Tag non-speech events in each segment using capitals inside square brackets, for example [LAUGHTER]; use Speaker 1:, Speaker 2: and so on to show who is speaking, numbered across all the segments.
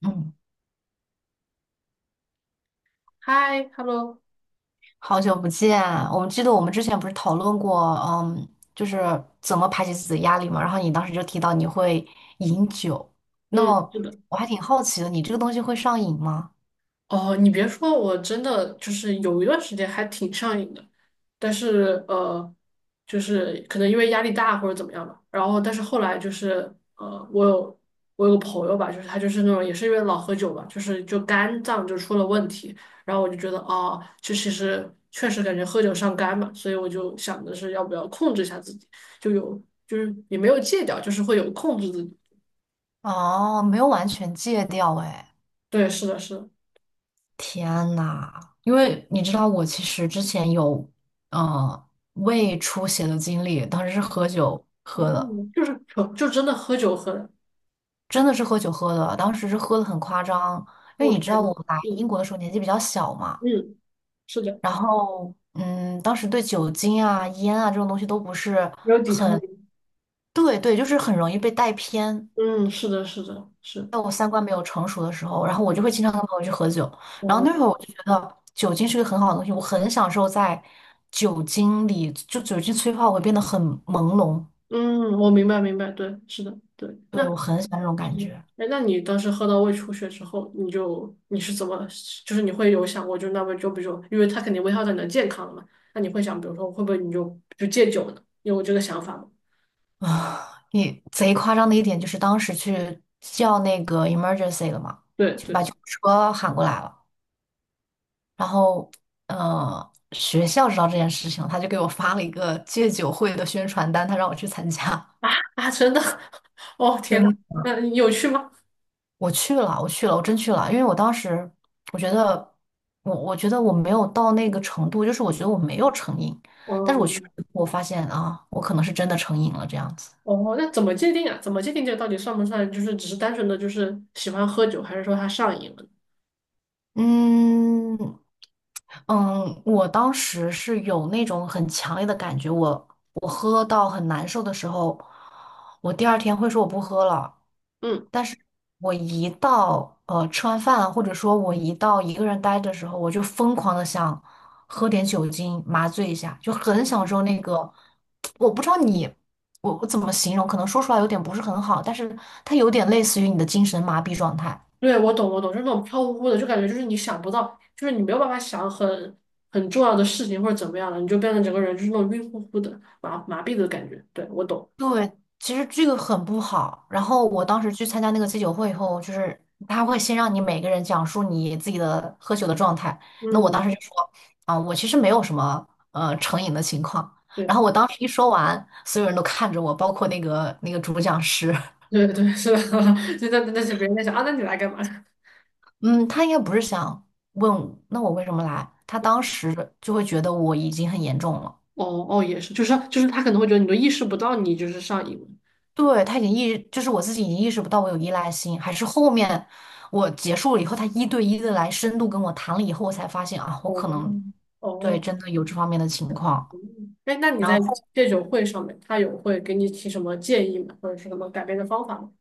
Speaker 1: 嗯，
Speaker 2: 嗨，hello，
Speaker 1: 好久不见，我们记得我们之前不是讨论过，嗯，就是怎么排解自己的压力嘛。然后你当时就提到你会饮酒，那
Speaker 2: 嗯，
Speaker 1: 么
Speaker 2: 是的，
Speaker 1: 我还挺好奇的，你这个东西会上瘾吗？
Speaker 2: 哦，你别说，我真的就是有一段时间还挺上瘾的，但是就是可能因为压力大或者怎么样吧，然后但是后来就是呃，我有我有个朋友吧，就是他就是那种也是因为老喝酒吧，就肝脏就出了问题，然后我就觉得哦，这其实确实感觉喝酒伤肝嘛，所以我就想的是要不要控制一下自己，就有就是也没有戒掉，就是会有控制自己，
Speaker 1: 哦，没有完全戒掉，哎，
Speaker 2: 对，是的，是的。
Speaker 1: 天呐，因为你知道我其实之前有，呃，胃出血的经历，当时是喝酒喝的，
Speaker 2: 嗯，就是可就真的喝酒喝的，
Speaker 1: 真的是喝酒喝的，当时是喝的很夸张，因为
Speaker 2: 我
Speaker 1: 你知道
Speaker 2: 天呐，
Speaker 1: 我来英
Speaker 2: 嗯
Speaker 1: 国的时候年纪比较小嘛。
Speaker 2: 嗯，是的，
Speaker 1: 然后，嗯，当时对酒精啊、烟啊这种东西都不是，
Speaker 2: 没有抵抗力，
Speaker 1: 对对，就是很容易被带偏。
Speaker 2: 嗯，是的，是的，是，
Speaker 1: 在我三观没有成熟的时候，然后我就会
Speaker 2: 嗯
Speaker 1: 经常跟朋友去喝酒。然后那会
Speaker 2: 嗯
Speaker 1: 儿我就觉得酒精是个很好的东西，我很享受在酒精里，就酒精催化我会变得很朦胧。
Speaker 2: 嗯，我明白明白，对，是的，对，那
Speaker 1: 对，我很喜欢这种
Speaker 2: 是
Speaker 1: 感
Speaker 2: 的，
Speaker 1: 觉
Speaker 2: 哎，那你当时喝到胃出血之后，你是怎么，就是你会有想过，就那么就比如说，因为它肯定危害到你的健康了嘛，那你会想，比如说会不会你就戒酒呢？你有这个想法吗？
Speaker 1: 啊！你贼夸张的一点就是当时去叫那个 emergency 了嘛，
Speaker 2: 对
Speaker 1: 就把
Speaker 2: 对
Speaker 1: 救护车喊过来了。然后学校知道这件事情他就给我发了一个戒酒会的宣传单，他让我去参加。
Speaker 2: 啊啊，真的，[LAUGHS] 哦天呐，
Speaker 1: 真
Speaker 2: 那你有趣吗？
Speaker 1: [LAUGHS] 我去了，我去了，我真去了，因为我当时我觉得我觉得我没有到那个程度，就是我觉得我没有成瘾，
Speaker 2: 哦，
Speaker 1: 但是我
Speaker 2: 明
Speaker 1: 去了
Speaker 2: 白。
Speaker 1: 以后我发现啊，我可能是真的成瘾了这样子。
Speaker 2: 哦，那怎么界定啊？怎么界定这个到底算不算？就是只是单纯的就是喜欢喝酒，还是说他上瘾了呢？
Speaker 1: 嗯嗯。我当时是有那种很强烈的感觉，我喝到很难受的时候，我第二天会说我不喝了。
Speaker 2: 嗯，
Speaker 1: 但是我一到吃完饭，或者说我一到一个人待的时候，我就疯狂的想喝点酒精麻醉一下，就很享受那个。我不知道你，我怎么形容，可能说出来有点不是很好，但是它有点类似于你的精神麻痹状态。
Speaker 2: 对，我懂，我懂，就是那种飘忽忽的，就感觉就是你想不到，就是你没有办法想很重要的事情或者怎么样了，你就变成整个人就是那种晕乎乎的、麻麻痹的感觉。对，我懂。
Speaker 1: 对，其实这个很不好。然后我当时去参加那个戒酒会以后，就是他会先让你每个人讲述你自己的喝酒的状态。那我当时
Speaker 2: 嗯，
Speaker 1: 就说，啊、我其实没有什么成瘾的情况。然
Speaker 2: 对
Speaker 1: 后我当时一说完，所有人都看着我，包括那个主讲师。[LAUGHS]
Speaker 2: 对对，是的，[LAUGHS] 就那那些别人在想啊，那你来干嘛？[LAUGHS]
Speaker 1: 嗯，他应该不是想问那我为什么来，他当时就会觉得我已经很严重了。
Speaker 2: 哦哦，也是，就是他可能会觉得你都意识不到你就是上瘾了。
Speaker 1: 对，他已经意，就是我自己已经意识不到我有依赖性，还是后面我结束了以后，他一对一的来深度跟我谈了以后，我才发现啊，我
Speaker 2: 哦
Speaker 1: 可能对
Speaker 2: 哦，
Speaker 1: 真的有这方面的情
Speaker 2: 嗯
Speaker 1: 况。
Speaker 2: 哎，那你
Speaker 1: 然
Speaker 2: 在
Speaker 1: 后
Speaker 2: 戒酒会上面，他有会给你提什么建议吗？或者是什么改变的方法吗？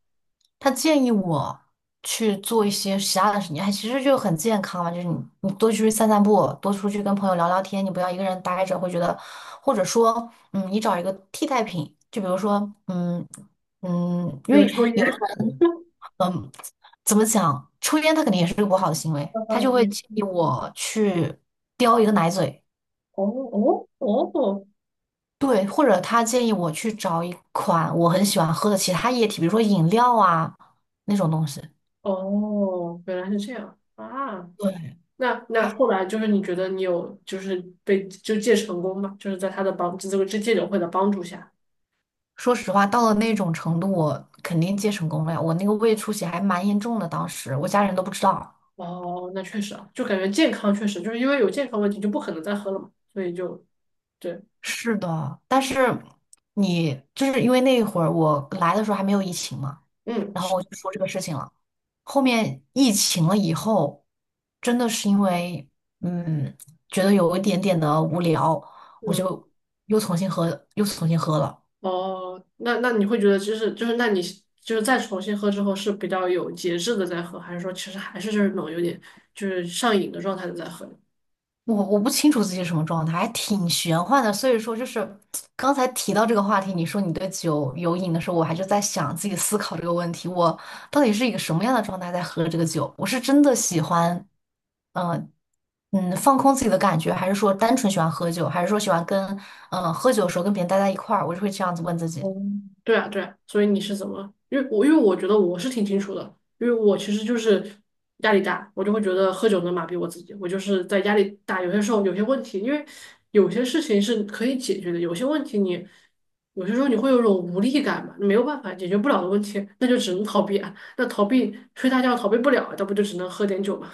Speaker 1: 他建议我去做一些其他的事情，还其实就很健康嘛，就是你多出去散散步，多出去跟朋友聊聊天，你不要一个人待着，会觉得，或者说，嗯，你找一个替代品，就比如说，嗯。
Speaker 2: 比
Speaker 1: 因
Speaker 2: 如
Speaker 1: 为
Speaker 2: 抽烟。
Speaker 1: 有的
Speaker 2: [LAUGHS]
Speaker 1: 人。嗯，怎么讲？抽烟他肯定也是个不好的行为，他就会建
Speaker 2: 嗯
Speaker 1: 议我去叼一个奶嘴，
Speaker 2: 哦哦哦
Speaker 1: 对，或者他建议我去找一款我很喜欢喝的其他液体，比如说饮料啊那种东西。
Speaker 2: 哦，原来是这样啊！
Speaker 1: 对，
Speaker 2: 那那
Speaker 1: 还
Speaker 2: 后来就是你觉得你有就是被就戒成功吗？就是在他的帮这个戒戒酒会的帮助下。
Speaker 1: 说实话，到了那种程度，我肯定戒成功了呀。我那个胃出血还蛮严重的，当时我家人都不知道。
Speaker 2: 哦，那确实啊，就感觉健康确实就是因为有健康问题就不可能再喝了嘛，所以就对，
Speaker 1: 是的，但是就是因为那一会儿我来的时候还没有疫情嘛，
Speaker 2: 嗯，
Speaker 1: 然
Speaker 2: 是
Speaker 1: 后我就说这个事情了。后面疫情了以后，真的是因为嗯，觉得有一点点的无聊，我就又重新喝，又重新喝了。
Speaker 2: 哦，那那你会觉得就是，那你就是再重新喝之后是比较有节制的在喝，还是说其实还是就是那种有点就是上瘾的状态的在喝？
Speaker 1: 我不清楚自己是什么状态，还挺玄幻的。所以说，就是刚才提到这个话题，你说你对酒有瘾的时候，我还就在想自己思考这个问题，我到底是一个什么样的状态在喝这个酒？我是真的喜欢，嗯、放空自己的感觉，还是说单纯喜欢喝酒，还是说喜欢跟喝酒的时候跟别人待在一块儿？我就会这样子问自己。
Speaker 2: 哦，对啊，对啊，所以你是怎么？因为我觉得我是挺清楚的，因为我其实就是压力大，我就会觉得喝酒能麻痹我自己。我就是在压力大，有些时候有些问题，因为有些事情是可以解决的，有些问题你有些时候你会有种无力感嘛，没有办法解决不了的问题，那就只能逃避啊。那逃避睡大觉逃避不了，那不就只能喝点酒嘛？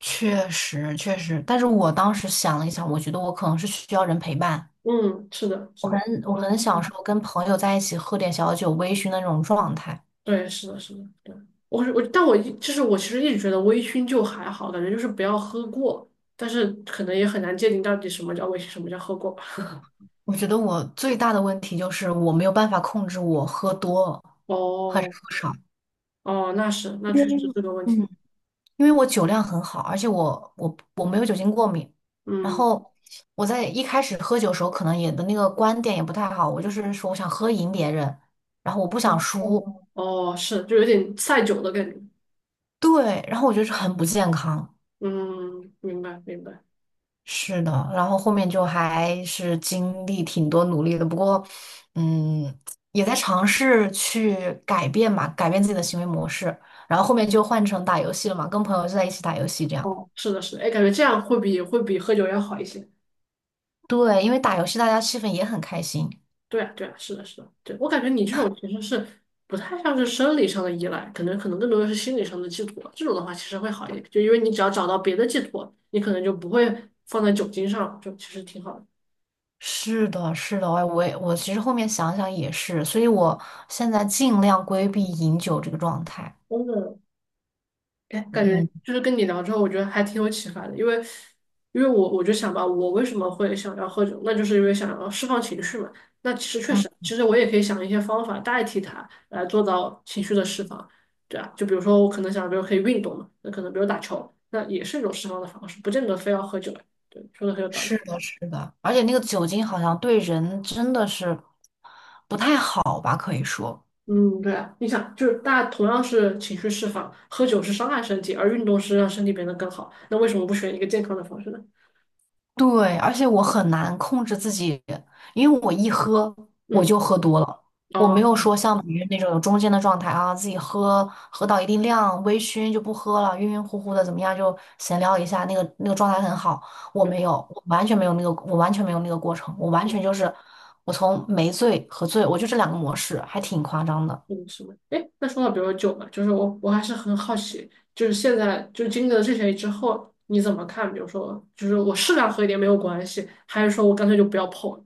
Speaker 1: 确实，确实，但是我当时想了一想，我觉得我可能是需要人陪伴。
Speaker 2: [LAUGHS] 嗯，是的，
Speaker 1: 我
Speaker 2: 是
Speaker 1: 很
Speaker 2: 的。
Speaker 1: 我
Speaker 2: 哦
Speaker 1: 很享受跟朋友在一起喝点小酒微醺的那种状态。
Speaker 2: 对，是的，是的，对，我是，但我一就是我其实一直觉得微醺就还好，感觉就是不要喝过，但是可能也很难界定到底什么叫微醺，什么叫喝过吧。
Speaker 1: 我觉得我最大的问题就是我没有办法控制我喝多还是
Speaker 2: 哦
Speaker 1: 喝少。
Speaker 2: 哦，那是，那确实是个问
Speaker 1: 嗯，
Speaker 2: 题。
Speaker 1: 因为我酒量很好，而且我没有酒精过敏。然
Speaker 2: 嗯，
Speaker 1: 后我在一开始喝酒的时候，可能也的那个观点也不太好，我就是说我想喝赢别人，然后我不想
Speaker 2: 哦
Speaker 1: 输。
Speaker 2: 哦，是，就有点赛酒的感觉。
Speaker 1: 对，然后我觉得是很不健康。
Speaker 2: 嗯，明白明白。
Speaker 1: 是的，然后后面就还是经历挺多努力的，不过，嗯，也在尝试去改变吧，改变自己的行为模式。然后后面就换成打游戏了嘛，跟朋友就在一起打游戏这样。
Speaker 2: 哦，是的，是的，哎，感觉这样会比喝酒要好一些。
Speaker 1: 对，因为打游戏大家气氛也很开心。
Speaker 2: 对啊，对啊，是的，是的，对，我感觉你这种其实是不太像是生理上的依赖，可能更多的是心理上的寄托。这种的话其实会好一点，就因为你只要找到别的寄托，你可能就不会放在酒精上，就其实挺好的。
Speaker 1: 是的，是的，哎，我其实后面想想也是，所以我现在尽量规避饮酒这个状态。
Speaker 2: 真的，哎，感觉
Speaker 1: 嗯
Speaker 2: 就是跟你聊之后，我觉得还挺有启发的，因为，因为我就想吧，我为什么会想要喝酒，那就是因为想要释放情绪嘛。那其实确
Speaker 1: 嗯。
Speaker 2: 实，其实我也可以想一些方法代替它来做到情绪的释放，对啊，就比如说我可能想，比如可以运动嘛，那可能比如打球，那也是一种释放的方式，不见得非要喝酒。对，说的很有道理。
Speaker 1: 是的，是的，而且那个酒精好像对人真的是不太好吧，可以说。
Speaker 2: 嗯，对啊，你想，就是大家同样是情绪释放，喝酒是伤害身体，而运动是让身体变得更好，那为什么不选一个健康的方式呢？
Speaker 1: 对，而且我很难控制自己，因为我一喝我
Speaker 2: 嗯，
Speaker 1: 就喝多了，我没
Speaker 2: 哦，
Speaker 1: 有说像别人那种有中间的状态啊，自己喝到一定量，微醺就不喝了，晕晕乎乎的怎么样就闲聊一下，那个状态很好。我
Speaker 2: 对。
Speaker 1: 没有，我完全没有那个，我完全没有那个过程，我完全就是我从没醉和醉，我就这两个模式，还挺夸张的。
Speaker 2: 嗯，是吗？哎，那说到比如说酒嘛，就是我还是很好奇，就是现在就是经历了这些之后，你怎么看？比如说，就是我适量喝一点没有关系，还是说我干脆就不要碰了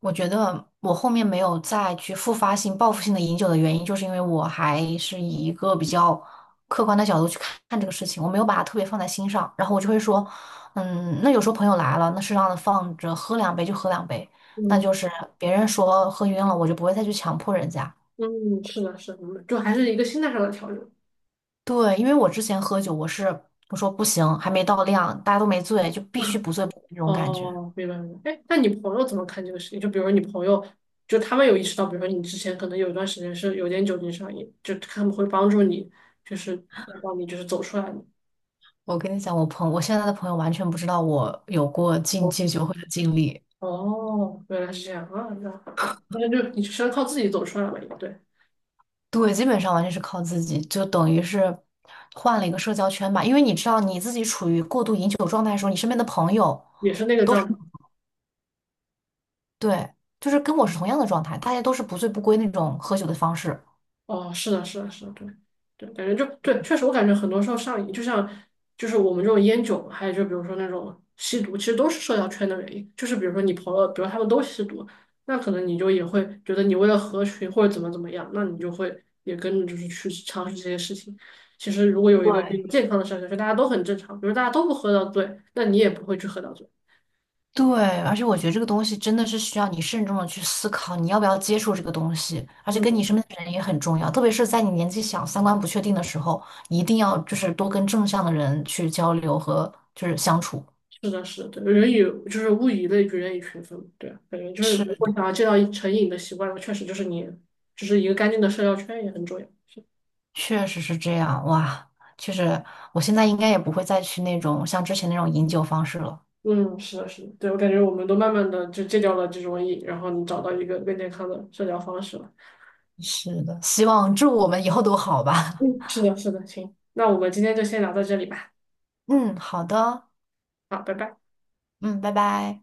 Speaker 1: 我觉得我后面没有再去复发性、报复性的饮酒的原因，就是因为我还是以一个比较客观的角度去看看这个事情，我没有把它特别放在心上。然后我就会说，嗯，那有时候朋友来了，那适当的放着喝两杯就喝两杯，那
Speaker 2: 嗯
Speaker 1: 就是别人说喝晕了，我就不会再去强迫人家。
Speaker 2: 嗯，是的，是的，嗯就还是一个心态上的调整。
Speaker 1: 对，因为我之前喝酒，我是我说不行，还没到量，大家都没醉，就必须
Speaker 2: [LAUGHS]
Speaker 1: 不醉不归那种感觉。
Speaker 2: 哦，明白明白。哎，那你朋友怎么看这个事情？就比如说你朋友，就他们有意识到，比如说你之前可能有一段时间是有点酒精上瘾，就他们会帮助你，就是帮你就是走出来吗。
Speaker 1: 我跟你讲，我现在的朋友完全不知道我有过禁戒酒会的经历。
Speaker 2: 哦，原来是这样啊，那好对，那就你是要靠自己走出来了，也对，
Speaker 1: 对，基本上完全是靠自己，就等于是换了一个社交圈吧。因为你知道你自己处于过度饮酒状态的时候，你身边的朋友，
Speaker 2: 也是那个状态
Speaker 1: 对，就是跟我是同样的状态，大家都是不醉不归那种喝酒的方式。
Speaker 2: 哦，是的，是的，是的，对，对，感觉就对，确实，我感觉很多时候上瘾，就像就是我们这种烟酒，还有就比如说那种吸毒，其实都是社交圈的原因。就是比如说你朋友，比如他们都吸毒，那可能你就也会觉得你为了合群或者怎么怎么样，那你就会也跟着就是去尝试这些事情。其实如果有一个比
Speaker 1: 对，
Speaker 2: 较健康的社交圈，大家都很正常，比如大家都不喝到醉，那你也不会去喝到醉。
Speaker 1: 对，而且我觉得这个东西真的是需要你慎重的去思考，你要不要接触这个东西，而且跟你
Speaker 2: 嗯。
Speaker 1: 身边的人也很重要，特别是在你年纪小、三观不确定的时候，一定要就是多跟正向的人去交流和就是相处。
Speaker 2: 是的，是的，对，人以就是物以类聚，人以群分，对啊，感觉就是
Speaker 1: 是。
Speaker 2: 如果想要戒掉一成瘾的习惯，确实就是你，就是一个干净的社交圈也很重要。是，
Speaker 1: 确实是这样，哇，确实，我现在应该也不会再去那种像之前那种饮酒方式了。
Speaker 2: 嗯，是的，是的，对，我感觉我们都慢慢的就戒掉了这种瘾，然后你找到一个更健康的社交方式了。
Speaker 1: 是的，希望祝我们以后都好吧。
Speaker 2: 嗯，是的，是的，行，那我们今天就先聊到这里吧。
Speaker 1: [LAUGHS] 嗯，好的，
Speaker 2: 好，拜拜。
Speaker 1: 嗯，拜拜。